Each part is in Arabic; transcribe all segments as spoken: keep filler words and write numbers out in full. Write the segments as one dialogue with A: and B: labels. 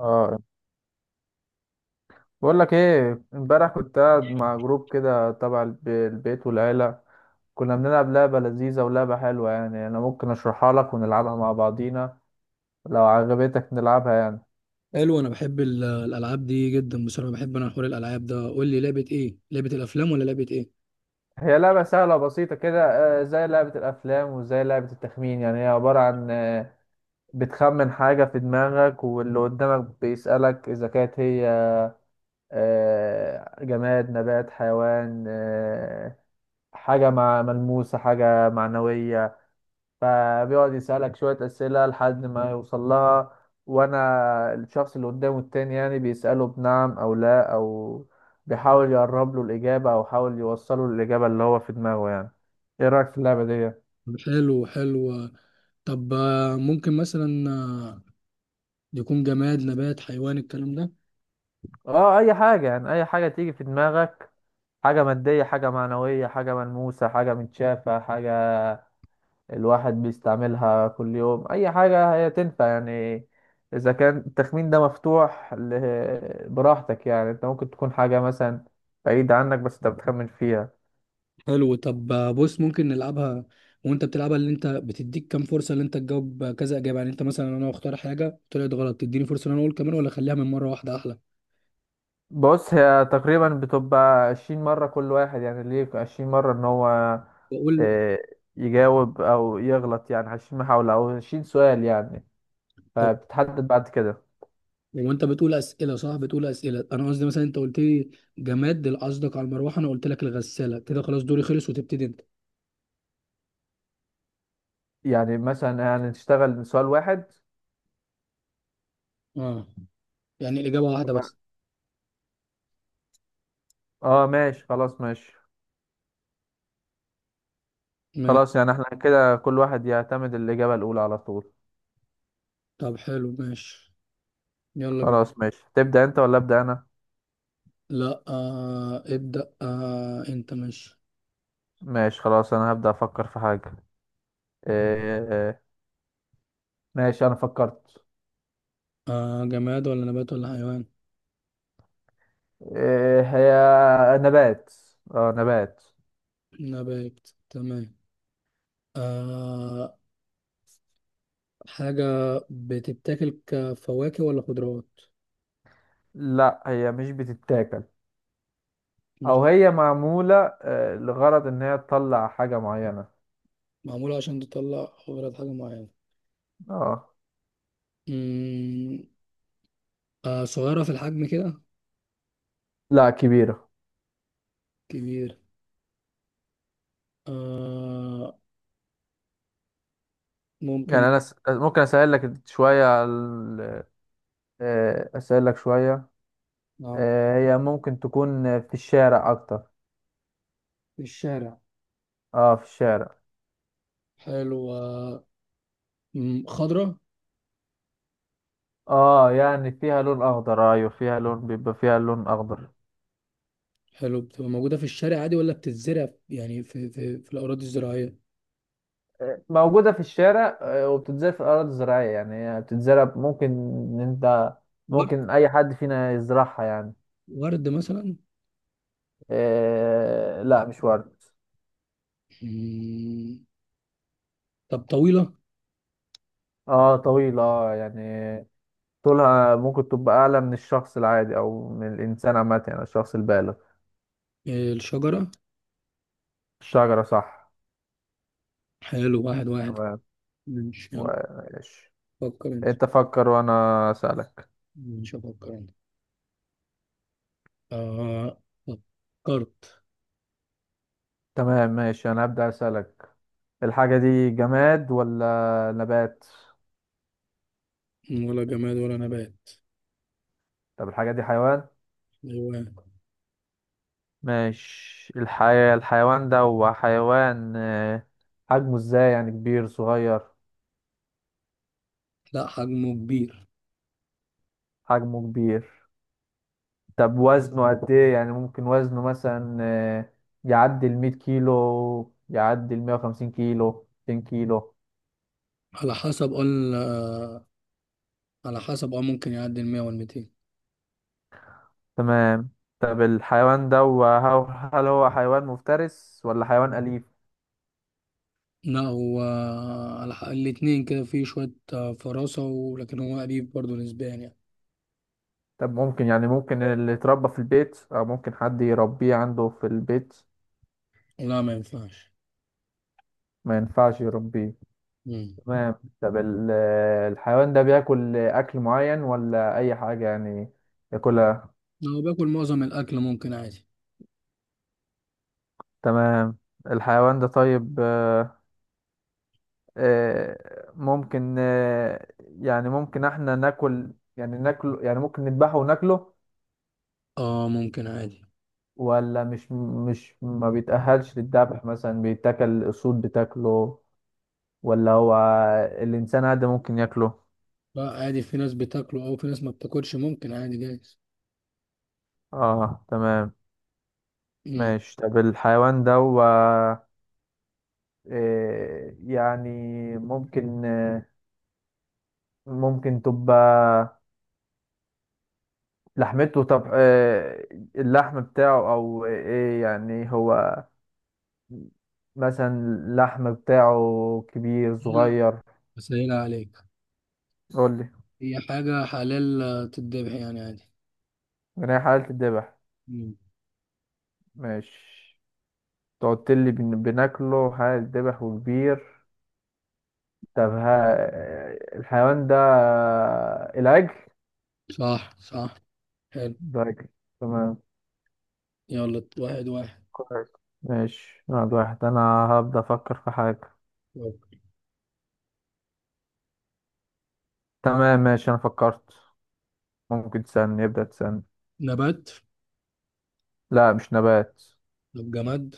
A: اه، بقول لك ايه، امبارح كنت قاعد مع جروب كده تبع الب- البيت والعيلة. كنا بنلعب لعبة لذيذة ولعبة حلوة، يعني انا ممكن اشرحها لك ونلعبها مع بعضينا لو عجبتك نلعبها يعني.
B: حلو، انا بحب ال- الالعاب دي جدا بصراحه، بحب انا حوار الالعاب ده. قول لي، لعبه ايه؟ لعبه الافلام ولا لعبه ايه؟
A: هي لعبة سهلة وبسيطة كده. آه، زي لعبة الافلام وزي لعبة التخمين. يعني هي عبارة عن آه، بتخمن حاجة في دماغك، واللي قدامك بيسألك اذا كانت هي آه، جماد، نبات، حيوان، آه، حاجة مع ملموسة، حاجة معنوية. فبيقعد يسألك شوية أسئلة لحد ما يوصل لها. وأنا الشخص اللي قدامه التاني يعني بيسأله بنعم أو لا، أو بيحاول يقرب له الإجابة أو يحاول يوصله للإجابة اللي هو في دماغه يعني. إيه رأيك في اللعبة دي؟
B: حلو، حلو. طب آه، ممكن مثلا آه، يكون جماد، نبات، حيوان، الكلام ده.
A: آه أي حاجة يعني، أي حاجة تيجي في دماغك. حاجة مادية، حاجة معنوية، حاجة ملموسة، حاجة متشافة، حاجة الواحد بيستعملها كل يوم. اي حاجة هي تنفع يعني. اذا كان التخمين ده مفتوح ل- براحتك يعني. انت ممكن تكون حاجة مثلا بعيدة عنك بس انت بتخمن فيها.
B: حلو. طب آه، بص، ممكن نلعبها. وانت بتلعبها، اللي انت بتديك كام فرصه؟ اللي انت تجاوب كذا اجابه؟ يعني انت مثلا، انا اختار حاجه طلعت غلط، تديني فرصه ان انا اقول كمان، ولا اخليها من مره واحده احلى؟
A: بص، هي تقريبا بتبقى عشرين مرة كل واحد. يعني ليه عشرين مرة؟ ان هو
B: واقول.
A: آه، يجاوب او يغلط. يعني عشرين محاولة او عشرين سؤال يعني. فبتحدد بعد كده.
B: وانت بتقول اسئله صح، بتقول اسئله، انا قصدي مثلا انت قلت لي جماد، اللي قصدك على المروحه، انا قلت لك الغساله، كده خلاص دوري خلص وتبتدي انت.
A: يعني مثلا يعني نشتغل سؤال واحد.
B: اه، يعني الاجابه واحده
A: تمام.
B: بس.
A: اه ماشي، خلاص ماشي.
B: ما-
A: خلاص، يعني احنا كده كل واحد يعتمد الإجابة الأولى على طول.
B: طب حلو، ماشي، يلا بينا.
A: خلاص ماشي. تبدأ أنت ولا أبدأ أنا؟
B: لا، آه ابدا، آه انت ماشي.
A: ماشي خلاص، أنا هبدأ أفكر في حاجة. إيه. ماشي أنا فكرت.
B: آه جماد ولا نبات ولا حيوان؟
A: إيه هي؟ نبات. اه نبات.
B: نبات، تمام. آه حاجه بتتاكل كفواكه ولا خضروات؟
A: لا هي مش بتتاكل.
B: مش؟
A: أو هي معمولة آه، لغرض إن هي تطلع حاجة معينة.
B: معموله عشان تطلع خضرات، حاجه معينه؟
A: اه.
B: مم، آه صغيره في الحجم كده؟
A: لا كبيرة.
B: كبير. آه ممكن.
A: يعني أنا س... ممكن أسهل لك شوية على ال- آه، أسهل لك شوية.
B: اه،
A: آه، هي ممكن تكون في الشارع أكتر.
B: في الشارع.
A: اه في الشارع.
B: حلو. آه مم، خضرة.
A: اه يعني فيها لون اخضر، ايوه فيها لون، بيبقى فيها لون اخضر.
B: حلو، بتبقى موجودة في الشارع عادي ولا بتتزرع يعني في في في الأراضي الزراعية؟
A: آه، موجودة في الشارع، آه، وبتتزرع في الأراضي الزراعية. يعني هي بتتزرع، ممكن إن أنت
B: ورد.
A: ممكن أي حد فينا يزرعها يعني.
B: ورد مثلا؟
A: آه لا مش ورد.
B: مم، طب طويلة؟
A: اه طويلة. اه يعني طولها ممكن تبقى أعلى من الشخص العادي أو من الإنسان عامة، يعني الشخص البالغ.
B: آه، الشجرة؟
A: الشجرة؟ صح.
B: حلو، واحد واحد.
A: تمام.
B: ماشي،
A: و-
B: يلا.
A: ماشي.
B: فكر أنت.
A: أنت فكر وأنا أسألك.
B: مش أفكر أنت. آه، فكرت.
A: تمام ماشي، أنا هبدأ أسألك. الحاجة دي جماد ولا نبات؟
B: ولا جماد ولا نبات.
A: طب الحاجة دي حيوان؟
B: حيوان.
A: ماشي. الحي... الحيوان ده هو حيوان. آه، حجمه ازاي؟ يعني كبير صغير؟
B: لا، حجمه كبير.
A: حجمه كبير. طب وزنه قد ايه؟ يعني ممكن وزنه مثلا آه، يعدي المية كيلو، يعدي المية وخمسين كيلو، ميتين كيلو؟
B: على حسب، قلنا على حسب، اه ممكن يعدي ال مئة وال ميتين.
A: تمام. طب الحيوان ده هو، هل هو حيوان مفترس ولا حيوان أليف؟
B: لا، هو الح- الاتنين كده، فيه شوية آه، فراسة، ولكن هو قريب برضه نسبيا يعني.
A: طب ممكن يعني ممكن اللي يتربى في البيت، أو ممكن حد يربيه عنده في البيت؟
B: لا، ما ينفعش.
A: ما ينفعش يربيه.
B: مم.
A: تمام. طب ال- الحيوان ده بياكل أكل معين ولا أي حاجة يعني ياكلها؟
B: لو باكل معظم الأكل ممكن عادي.
A: تمام. الحيوان ده طيب، آه، آه، ممكن آه، يعني ممكن احنا ناكل، يعني ناكله، يعني ممكن نذبحه وناكله؟
B: اه، ممكن عادي.
A: ولا مش مش ما بيتأهلش للذبح، مثلا بيتاكل الأسود بتاكله، ولا هو الإنسان عادي ممكن ياكله؟
B: لا، عادي، في ناس بتاكله أو في ناس ما بتاكلش، ممكن عادي جايز.
A: اه تمام.
B: مم.
A: ماشي. طب الحيوان ده إيه يعني؟ ممكن آه، ممكن تبقى لحمته، طب آه، اللحم بتاعه او ايه يعني؟ هو مثلا اللحم بتاعه كبير
B: سهيلة،
A: صغير؟
B: سهيلة عليك.
A: قول لي.
B: هي حاجة حلال آه، تتذبح يعني عادي.
A: انا حالة الذبح.
B: مم.
A: ماشي. تقعد لي بن- بناكله، حالة الذبح وكبير. طب ها، آه، الحيوان ده آه، العجل؟
B: صح، صح. حلو.
A: ده عجل. تمام.
B: يلا، واحد واحد.
A: كويس. ماشي، واحد واحد. انا هبدأ افكر في حاجة.
B: يلا.
A: تمام ماشي، انا فكرت. ممكن تسألني، يبدأ تسألني.
B: نبات؟
A: لا مش نبات.
B: طب جماد؟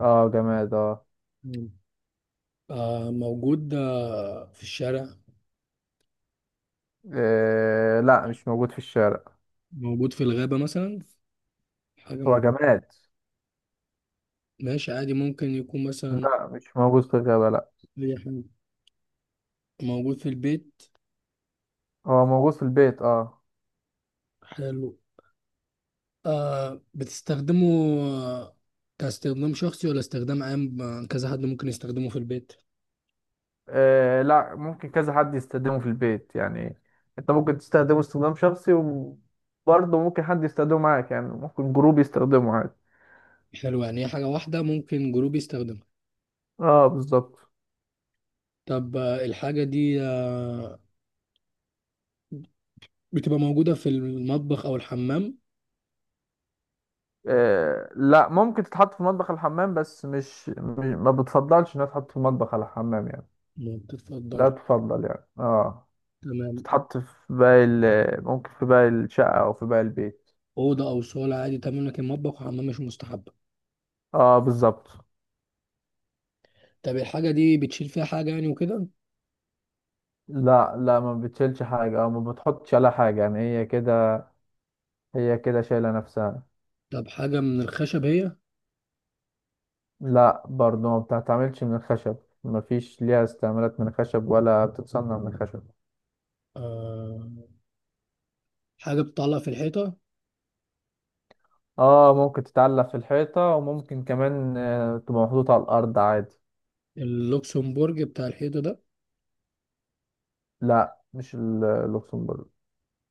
A: اه جماد اه.
B: مم. آه، موجود آه في الشارع؟
A: إيه لا مش موجود في الشارع.
B: موجود في الغابة مثلا؟ حاجة
A: هو
B: مو...
A: جماد.
B: ماشي عادي، ممكن يكون مثلا
A: لا مش موجود في الغابة لا.
B: أي حاجة. موجود في البيت؟
A: هو موجود في البيت اه.
B: حلو. آه، بتستخدمه آه، كاستخدام شخصي ولا استخدام عام؟ آه، كذا حد ممكن يستخدمه في البيت؟
A: إيه لا، ممكن كذا حد يستخدمه في البيت يعني. انت ممكن تستخدمه استخدام شخصي، وبرضه ممكن حد يستخدمه معاك، يعني ممكن جروب يستخدمه عادي.
B: حلو، يعني هي حاجة واحدة ممكن جروب يستخدمها.
A: اه بالظبط.
B: طب آه الحاجة دي آه بتبقى موجودة في المطبخ أو الحمام؟
A: إيه لا، ممكن تتحط في المطبخ الحمام، بس مش مش- ما بتفضلش انها تتحط في المطبخ على الحمام يعني.
B: ما بتتفضلش؟
A: لا تفضل يعني اه.
B: تمام.
A: تتحط في باقي ال- ممكن في باقي الشقة او في باقي البيت.
B: أوضة أو صالة عادي تمام، لكن مطبخ وحمام مش مستحب.
A: اه بالظبط.
B: طب الحاجة دي بتشيل فيها حاجة يعني وكده؟
A: لا لا، ما بتشيلش حاجة او ما بتحطش على حاجة، يعني هي كده، هي كده شايلة نفسها.
B: طب حاجة من الخشب هي؟
A: لا برضه ما بتتعملش من الخشب، ما فيش ليها استعمالات من الخشب ولا بتتصنع من الخشب.
B: آه. حاجة بتطلع في الحيطة؟
A: اه ممكن تتعلق في الحيطة، وممكن كمان آه، تبقى محطوطة على الأرض عادي.
B: اللوكسمبورج بتاع الحيطة ده؟
A: لا مش ال- اللوكسمبورج.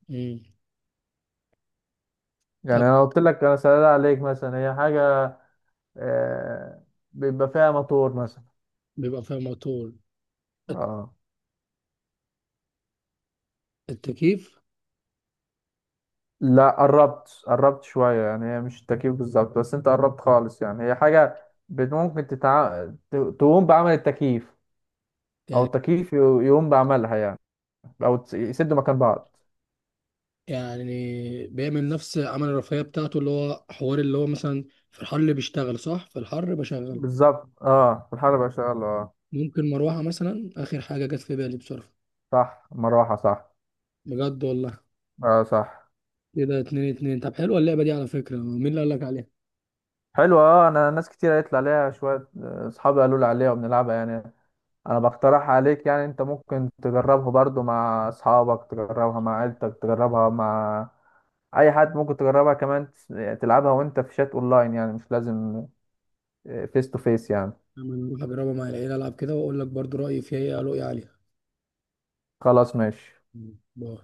B: مم. طب
A: يعني انا قلت لك، انا سألت عليك مثلا هي حاجة آه، بيبقى فيها موتور مثلا.
B: بيبقى فيها موتور؟ الت-
A: اه
B: التكييف؟
A: لا، قربت قربت شوية. يعني هي مش التكييف بالظبط، بس انت قربت خالص. يعني هي حاجة بت- ممكن تتع... ت- تقوم بعمل التكييف، او
B: يعني.
A: التكييف ي- يقوم بعملها يعني، او تس- يسدوا مكان بعض.
B: يعني بيعمل نفس عمل الرفاهية بتاعته، اللي هو حوار، اللي هو مثلا في الحر اللي بيشتغل، صح؟ في الحر بشغله.
A: بالظبط اه. الحرب بقى شغالة اه.
B: ممكن مروحة مثلا، آخر حاجة جت في بالي بصراحة.
A: صح مروحة صح.
B: بجد، والله.
A: اه صح.
B: كده اتنين اتنين. طب حلوة اللعبة دي. على فكرة، مين اللي قالك عليها؟
A: حلوة اه. انا ناس كتير قالت لي عليها شوية، آه، اصحابي قالوا لي عليها وبنلعبها يعني. انا بقترح عليك يعني، انت ممكن تجربها برضو مع اصحابك، تجربها مع عيلتك، تجربها مع اي حد. ممكن تجربها كمان تس- تلعبها وانت في شات اونلاين، يعني مش لازم فيس تو فيس يعني.
B: أنا هروح أجربها مع العيلة، ألعب كده وأقول لك برضو رأيي فيها إيه، رؤية عليها.
A: خلاص ماشي.
B: مم. باي.